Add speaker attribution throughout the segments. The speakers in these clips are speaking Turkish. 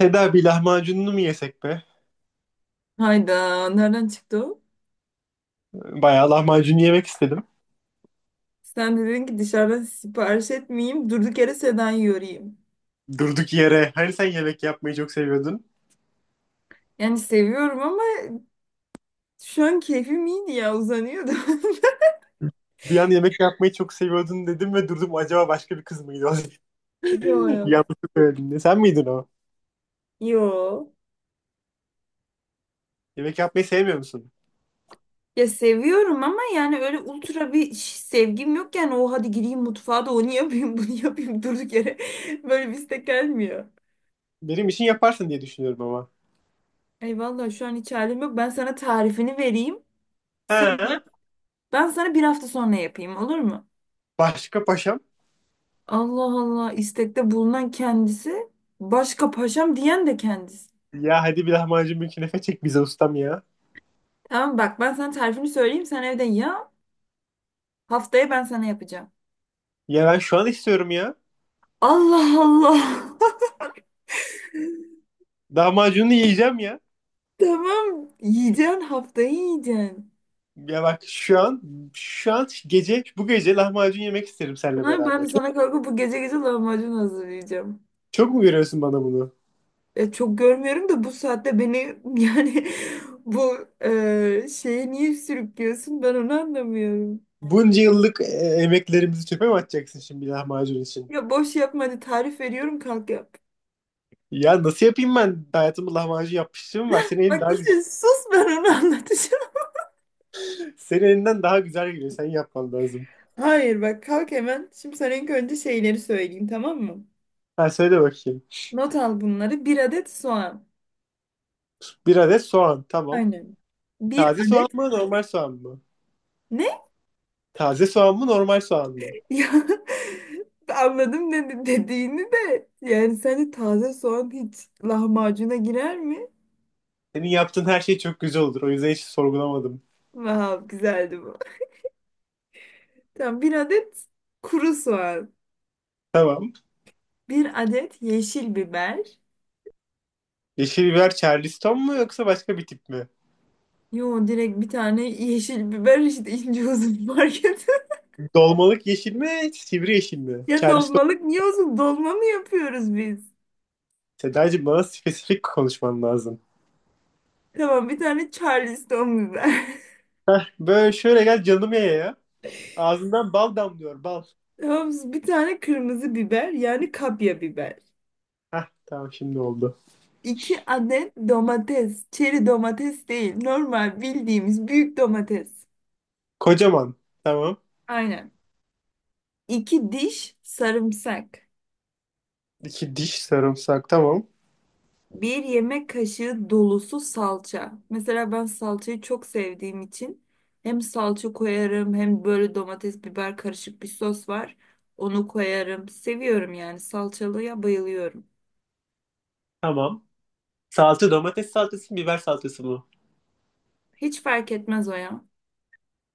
Speaker 1: Seda bir lahmacununu mu yesek be?
Speaker 2: Hayda nereden çıktı o?
Speaker 1: Bayağı lahmacun yemek istedim.
Speaker 2: Sen dedin ki dışarıdan sipariş etmeyeyim durduk yere Sedan yorayım.
Speaker 1: Durduk yere. Hani sen yemek yapmayı çok seviyordun.
Speaker 2: Yani seviyorum ama şu an keyfim iyiydi ya uzanıyordum.
Speaker 1: Bir an yemek yapmayı çok seviyordun dedim ve durdum, acaba başka bir kız mıydı o?
Speaker 2: Yok yok.
Speaker 1: Yanlış söyledin. Sen miydin o?
Speaker 2: Yo.
Speaker 1: Yemek yapmayı sevmiyor musun?
Speaker 2: Ya seviyorum ama yani öyle ultra bir sevgim yok yani o hadi gireyim mutfağa da onu yapayım bunu yapayım durduk yere böyle bir istek gelmiyor.
Speaker 1: Benim için yaparsın diye düşünüyorum ama.
Speaker 2: Ay vallahi şu an hiç halim yok ben sana tarifini vereyim. Sen yap
Speaker 1: Ha?
Speaker 2: ben sana bir hafta sonra yapayım olur mu?
Speaker 1: Başka paşam?
Speaker 2: Allah Allah istekte bulunan kendisi başka paşam diyen de kendisi.
Speaker 1: Ya hadi bir lahmacun bir künefe çek bize ustam ya.
Speaker 2: Tamam bak ben sana tarifini söyleyeyim sen evde ya haftaya ben sana yapacağım.
Speaker 1: Ya ben şu an istiyorum ya.
Speaker 2: Allah Allah.
Speaker 1: Lahmacunu yiyeceğim ya.
Speaker 2: Tamam yiyeceksin haftayı yiyeceksin.
Speaker 1: Ya bak şu an şu an gece, bu gece lahmacun yemek isterim seninle
Speaker 2: Ha, ben de
Speaker 1: beraber.
Speaker 2: sana kalkıp bu gece gece lahmacun hazırlayacağım.
Speaker 1: Çok mu veriyorsun bana bunu?
Speaker 2: Çok görmüyorum da bu saatte beni yani bu şeye niye sürüklüyorsun ben onu anlamıyorum.
Speaker 1: Bunca yıllık emeklerimizi çöpe mi atacaksın şimdi bir lahmacun için?
Speaker 2: Ya boş yapma hadi tarif veriyorum kalk yap.
Speaker 1: Ya nasıl yapayım ben? Hayatımda lahmacun yapmışlığım var. Senin elin
Speaker 2: Bak
Speaker 1: daha güzel.
Speaker 2: işte sus ben onu anlatacağım.
Speaker 1: Senin elinden daha güzel geliyor. Sen yapman lazım.
Speaker 2: Hayır bak kalk hemen. Şimdi sana ilk önce şeyleri söyleyeyim tamam mı?
Speaker 1: Ha, söyle bakayım.
Speaker 2: Not al bunları. Bir adet soğan.
Speaker 1: Bir adet soğan. Tamam.
Speaker 2: Aynen. Bir
Speaker 1: Taze soğan
Speaker 2: adet
Speaker 1: mı, normal soğan mı?
Speaker 2: ne?
Speaker 1: Taze soğan mı, normal soğan mı?
Speaker 2: Ya anladım dedi dediğini de. Yani sence taze soğan hiç lahmacuna girer mi?
Speaker 1: Senin yaptığın her şey çok güzel olur. O yüzden hiç sorgulamadım.
Speaker 2: Vav güzeldi bu. Tamam bir adet kuru soğan.
Speaker 1: Tamam.
Speaker 2: Bir adet yeşil biber.
Speaker 1: Yeşil biber Charleston mu yoksa başka bir tip mi?
Speaker 2: Yo direkt bir tane yeşil biber işte ince uzun market.
Speaker 1: Dolmalık yeşil mi, sivri yeşil mi?
Speaker 2: Ya
Speaker 1: Charleston.
Speaker 2: dolmalık niye uzun dolma mı yapıyoruz biz?
Speaker 1: Sedacığım, bana spesifik konuşman lazım.
Speaker 2: Tamam bir tane Charleston biber.
Speaker 1: Heh, böyle şöyle gel canım ye ya. Ağzından bal damlıyor, bal.
Speaker 2: Tamam bir tane kırmızı biber yani kapya biber.
Speaker 1: Heh, tamam şimdi oldu.
Speaker 2: İki adet domates. Çeri domates değil. Normal bildiğimiz büyük domates.
Speaker 1: Kocaman. Tamam.
Speaker 2: Aynen. İki diş sarımsak.
Speaker 1: İki diş sarımsak, tamam.
Speaker 2: Bir yemek kaşığı dolusu salça. Mesela ben salçayı çok sevdiğim için hem salça koyarım hem böyle domates biber karışık bir sos var. Onu koyarım. Seviyorum yani salçalıya bayılıyorum.
Speaker 1: Tamam. Salça domates salçası mı, biber salçası mı?
Speaker 2: Hiç fark etmez o ya.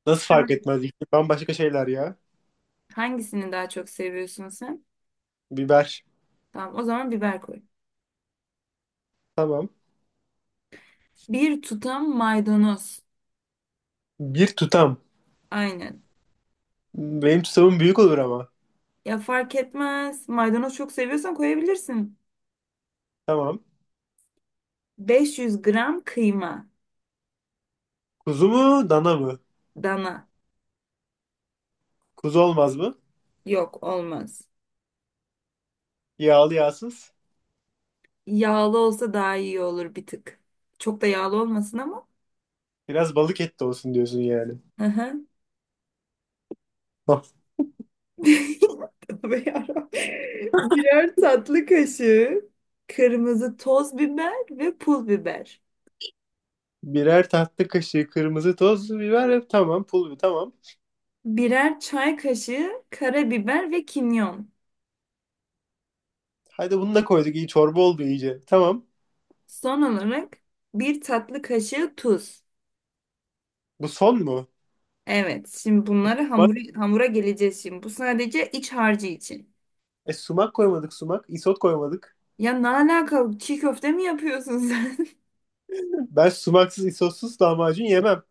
Speaker 1: Nasıl fark etmez? İkisi bambaşka şeyler ya.
Speaker 2: Hangisini daha çok seviyorsun sen?
Speaker 1: Biber.
Speaker 2: Tamam, o zaman biber koy.
Speaker 1: Tamam.
Speaker 2: Bir tutam maydanoz.
Speaker 1: Bir tutam.
Speaker 2: Aynen.
Speaker 1: Benim tutamım büyük olur ama.
Speaker 2: Ya fark etmez. Maydanoz çok seviyorsan koyabilirsin.
Speaker 1: Tamam.
Speaker 2: 500 gram kıyma.
Speaker 1: Kuzu mu, dana mı?
Speaker 2: Dana.
Speaker 1: Kuzu olmaz mı?
Speaker 2: Yok olmaz.
Speaker 1: Yağlı, yağsız.
Speaker 2: Yağlı olsa daha iyi olur bir tık. Çok da yağlı olmasın ama.
Speaker 1: Biraz balık et de olsun diyorsun yani.
Speaker 2: Hı hı.
Speaker 1: Hah.
Speaker 2: Tövbe yarabbim. Birer tatlı kaşığı kırmızı toz biber ve pul biber.
Speaker 1: Birer tatlı kaşığı kırmızı toz biber. Tamam. Pul biber. Tamam.
Speaker 2: Birer çay kaşığı karabiber ve kimyon.
Speaker 1: Hadi bunu da koyduk. İyi çorba oldu iyice. Tamam.
Speaker 2: Son olarak bir tatlı kaşığı tuz.
Speaker 1: Bu son mu?
Speaker 2: Evet, şimdi bunları
Speaker 1: Sumak,
Speaker 2: hamura geleceğiz şimdi. Bu sadece iç harcı için.
Speaker 1: sumak koymadık, sumak. Isot koymadık.
Speaker 2: Ya ne alakalı çiğ köfte mi yapıyorsun sen?
Speaker 1: Ben sumaksız, isotsuz lahmacun yemem.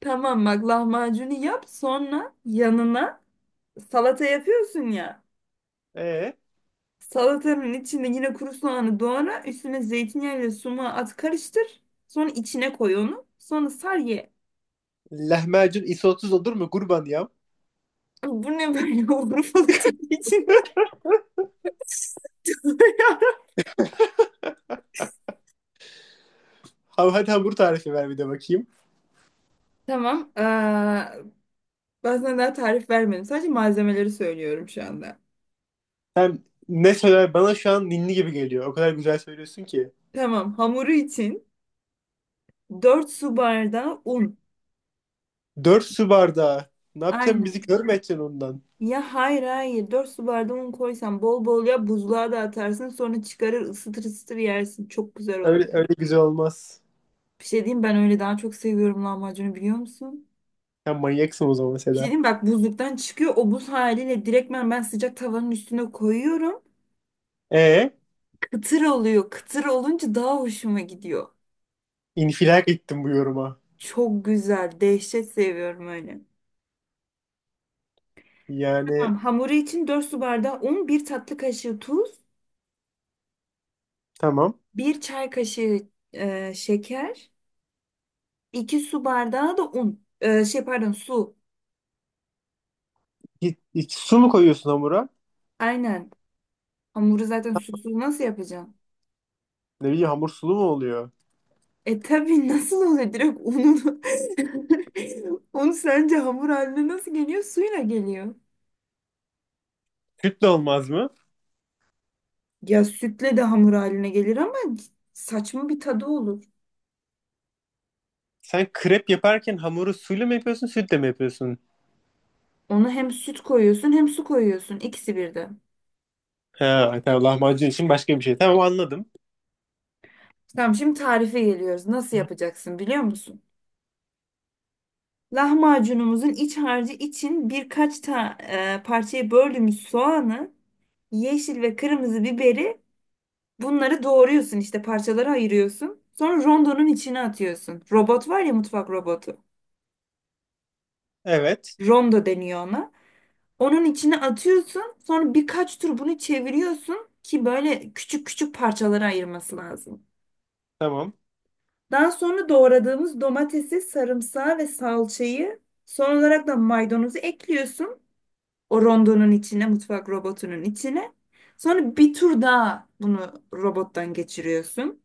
Speaker 2: Tamam bak lahmacunu yap sonra yanına salata yapıyorsun ya.
Speaker 1: E
Speaker 2: Salatanın içinde yine kuru soğanı doğra üstüne zeytinyağıyla sumağı at karıştır. Sonra içine koy onu. Sonra sar ye.
Speaker 1: Lahmacun isotsuz olur mu kurban ya?
Speaker 2: Bu ne böyle Urfalı tipi içinde?
Speaker 1: Hadi hamur tarifi ver bir de bakayım.
Speaker 2: Tamam. Ben sana daha tarif vermedim. Sadece malzemeleri söylüyorum şu anda.
Speaker 1: Sen ne söyler bana şu an ninni gibi geliyor. O kadar güzel söylüyorsun ki.
Speaker 2: Tamam. Hamuru için 4 su bardağı un.
Speaker 1: Dört su bardağı. Ne yapacaksın, bizi
Speaker 2: Aynen.
Speaker 1: kör mü edeceksin ondan?
Speaker 2: Ya hayır hayır 4 su bardağı un koysan bol bol ya buzluğa da atarsın sonra çıkarır ısıtır ısıtır yersin. Çok güzel
Speaker 1: Öyle,
Speaker 2: oluyor.
Speaker 1: öyle güzel olmaz.
Speaker 2: Bir şey diyeyim ben öyle daha çok seviyorum lahmacunu biliyor musun?
Speaker 1: Sen manyaksın o zaman
Speaker 2: Bir şey
Speaker 1: Seda.
Speaker 2: diyeyim bak buzluktan çıkıyor o buz haliyle direktmen ben sıcak tavanın üstüne koyuyorum.
Speaker 1: E
Speaker 2: Kıtır oluyor. Kıtır olunca daha hoşuma gidiyor.
Speaker 1: infilak ettim bu yoruma.
Speaker 2: Çok güzel. Dehşet seviyorum öyle.
Speaker 1: Yani
Speaker 2: Tamam, hamuru için 4 su bardağı un, bir tatlı kaşığı tuz,
Speaker 1: tamam.
Speaker 2: bir çay kaşığı şeker, 2 su bardağı da un. Şey pardon su.
Speaker 1: Su mu koyuyorsun hamura?
Speaker 2: Aynen. Hamuru zaten susuz nasıl yapacağım?
Speaker 1: Ne bileyim, hamur sulu mu oluyor?
Speaker 2: E tabii nasıl oluyor direkt ununu. Un sence hamur haline nasıl geliyor? Suyla geliyor.
Speaker 1: Süt de olmaz mı?
Speaker 2: Ya sütle de hamur haline gelir ama saçma bir tadı olur.
Speaker 1: Sen krep yaparken hamuru suyla mı yapıyorsun, sütle mi yapıyorsun?
Speaker 2: Onu hem süt koyuyorsun hem su koyuyorsun. İkisi birden.
Speaker 1: Ha, tamam, lahmacun için başka bir şey. Tamam, anladım.
Speaker 2: Tamam şimdi tarife geliyoruz. Nasıl yapacaksın biliyor musun? Lahmacunumuzun iç harcı için birkaç parçaya böldüğümüz soğanı, yeşil ve kırmızı biberi bunları doğruyorsun işte parçalara ayırıyorsun. Sonra rondonun içine atıyorsun. Robot var ya mutfak robotu.
Speaker 1: Evet,
Speaker 2: Rondo deniyor ona. Onun içine atıyorsun. Sonra birkaç tur bunu çeviriyorsun ki böyle küçük küçük parçalara ayırması lazım.
Speaker 1: tamam.
Speaker 2: Daha sonra doğradığımız domatesi, sarımsağı ve salçayı son olarak da maydanozu ekliyorsun. O rondonun içine, mutfak robotunun içine. Sonra bir tur daha bunu robottan geçiriyorsun.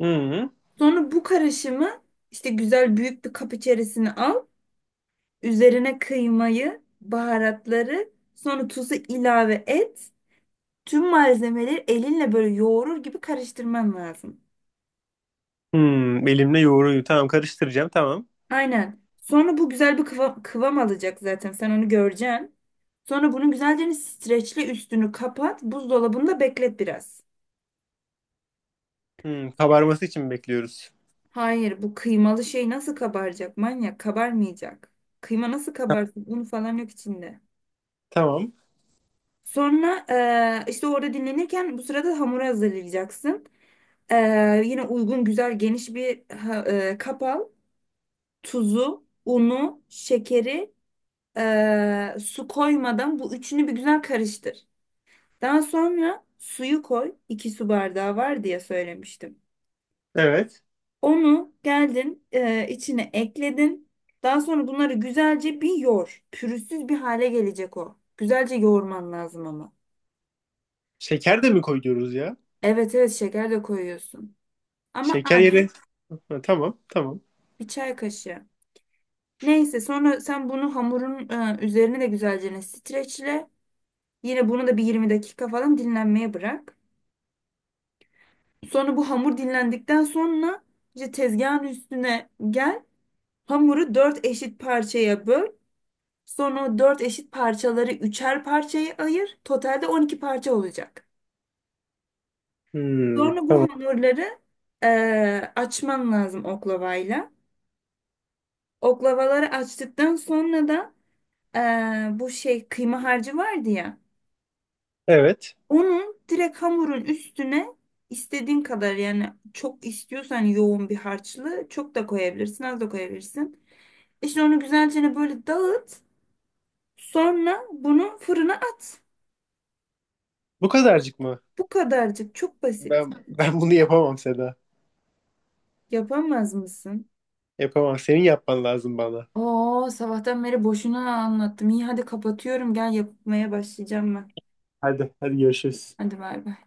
Speaker 1: Hı-hı.
Speaker 2: Sonra bu karışımı işte güzel büyük bir kap içerisine al. Üzerine kıymayı, baharatları, sonra tuzu ilave et. Tüm malzemeleri elinle böyle yoğurur gibi karıştırman lazım.
Speaker 1: Hmm, elimle yoğuruyu tamam, karıştıracağım tamam.
Speaker 2: Aynen. Sonra bu güzel bir kıvam alacak zaten. Sen onu göreceksin. Sonra bunun güzelce streçle üstünü kapat. Buzdolabında beklet biraz.
Speaker 1: Hmm, kabarması için mi bekliyoruz?
Speaker 2: Hayır, bu kıymalı şey nasıl kabaracak manyak? Kabarmayacak. Kıyma nasıl
Speaker 1: Ta-
Speaker 2: kabarsın? Un falan yok içinde.
Speaker 1: Tamam.
Speaker 2: Sonra işte orada dinlenirken bu sırada hamuru hazırlayacaksın. Yine uygun güzel geniş bir kap al. Tuzu, unu, şekeri, su koymadan bu üçünü bir güzel karıştır. Daha sonra suyu koy. 2 su bardağı var diye söylemiştim.
Speaker 1: Evet.
Speaker 2: Onu geldin içine ekledin. Daha sonra bunları güzelce bir yoğur. Pürüzsüz bir hale gelecek o. Güzelce yoğurman lazım ama.
Speaker 1: Şeker de mi koyuyoruz ya?
Speaker 2: Evet evet şeker de koyuyorsun. Ama
Speaker 1: Şeker
Speaker 2: az.
Speaker 1: yeri. Ha, tamam, tamam.
Speaker 2: Bir çay kaşığı. Neyse sonra sen bunu hamurun üzerine de güzelce streçle. Yine bunu da bir 20 dakika falan dinlenmeye bırak. Sonra bu hamur dinlendikten sonra işte tezgahın üstüne gel. Hamuru dört eşit parçaya böl. Sonra 4 eşit parçaları üçer parçaya ayır. Totalde 12 parça olacak.
Speaker 1: Hmm,
Speaker 2: Sonra bu
Speaker 1: tamam.
Speaker 2: hamurları açman lazım oklavayla. Oklavaları açtıktan sonra da bu şey kıyma harcı vardı ya.
Speaker 1: Evet.
Speaker 2: Onun direkt hamurun üstüne istediğin kadar yani çok istiyorsan yoğun bir harçlı çok da koyabilirsin az da koyabilirsin. İşte onu güzelce hani böyle dağıt. Sonra bunu fırına at.
Speaker 1: Bu kadarcık mı?
Speaker 2: Bu kadarcık çok basit.
Speaker 1: Ben bunu yapamam Seda.
Speaker 2: Yapamaz mısın?
Speaker 1: Yapamam. Senin yapman lazım bana.
Speaker 2: Oo sabahtan beri boşuna anlattım. İyi hadi kapatıyorum. Gel yapmaya başlayacağım ben.
Speaker 1: Hadi, hadi görüşürüz.
Speaker 2: Hadi bay bay.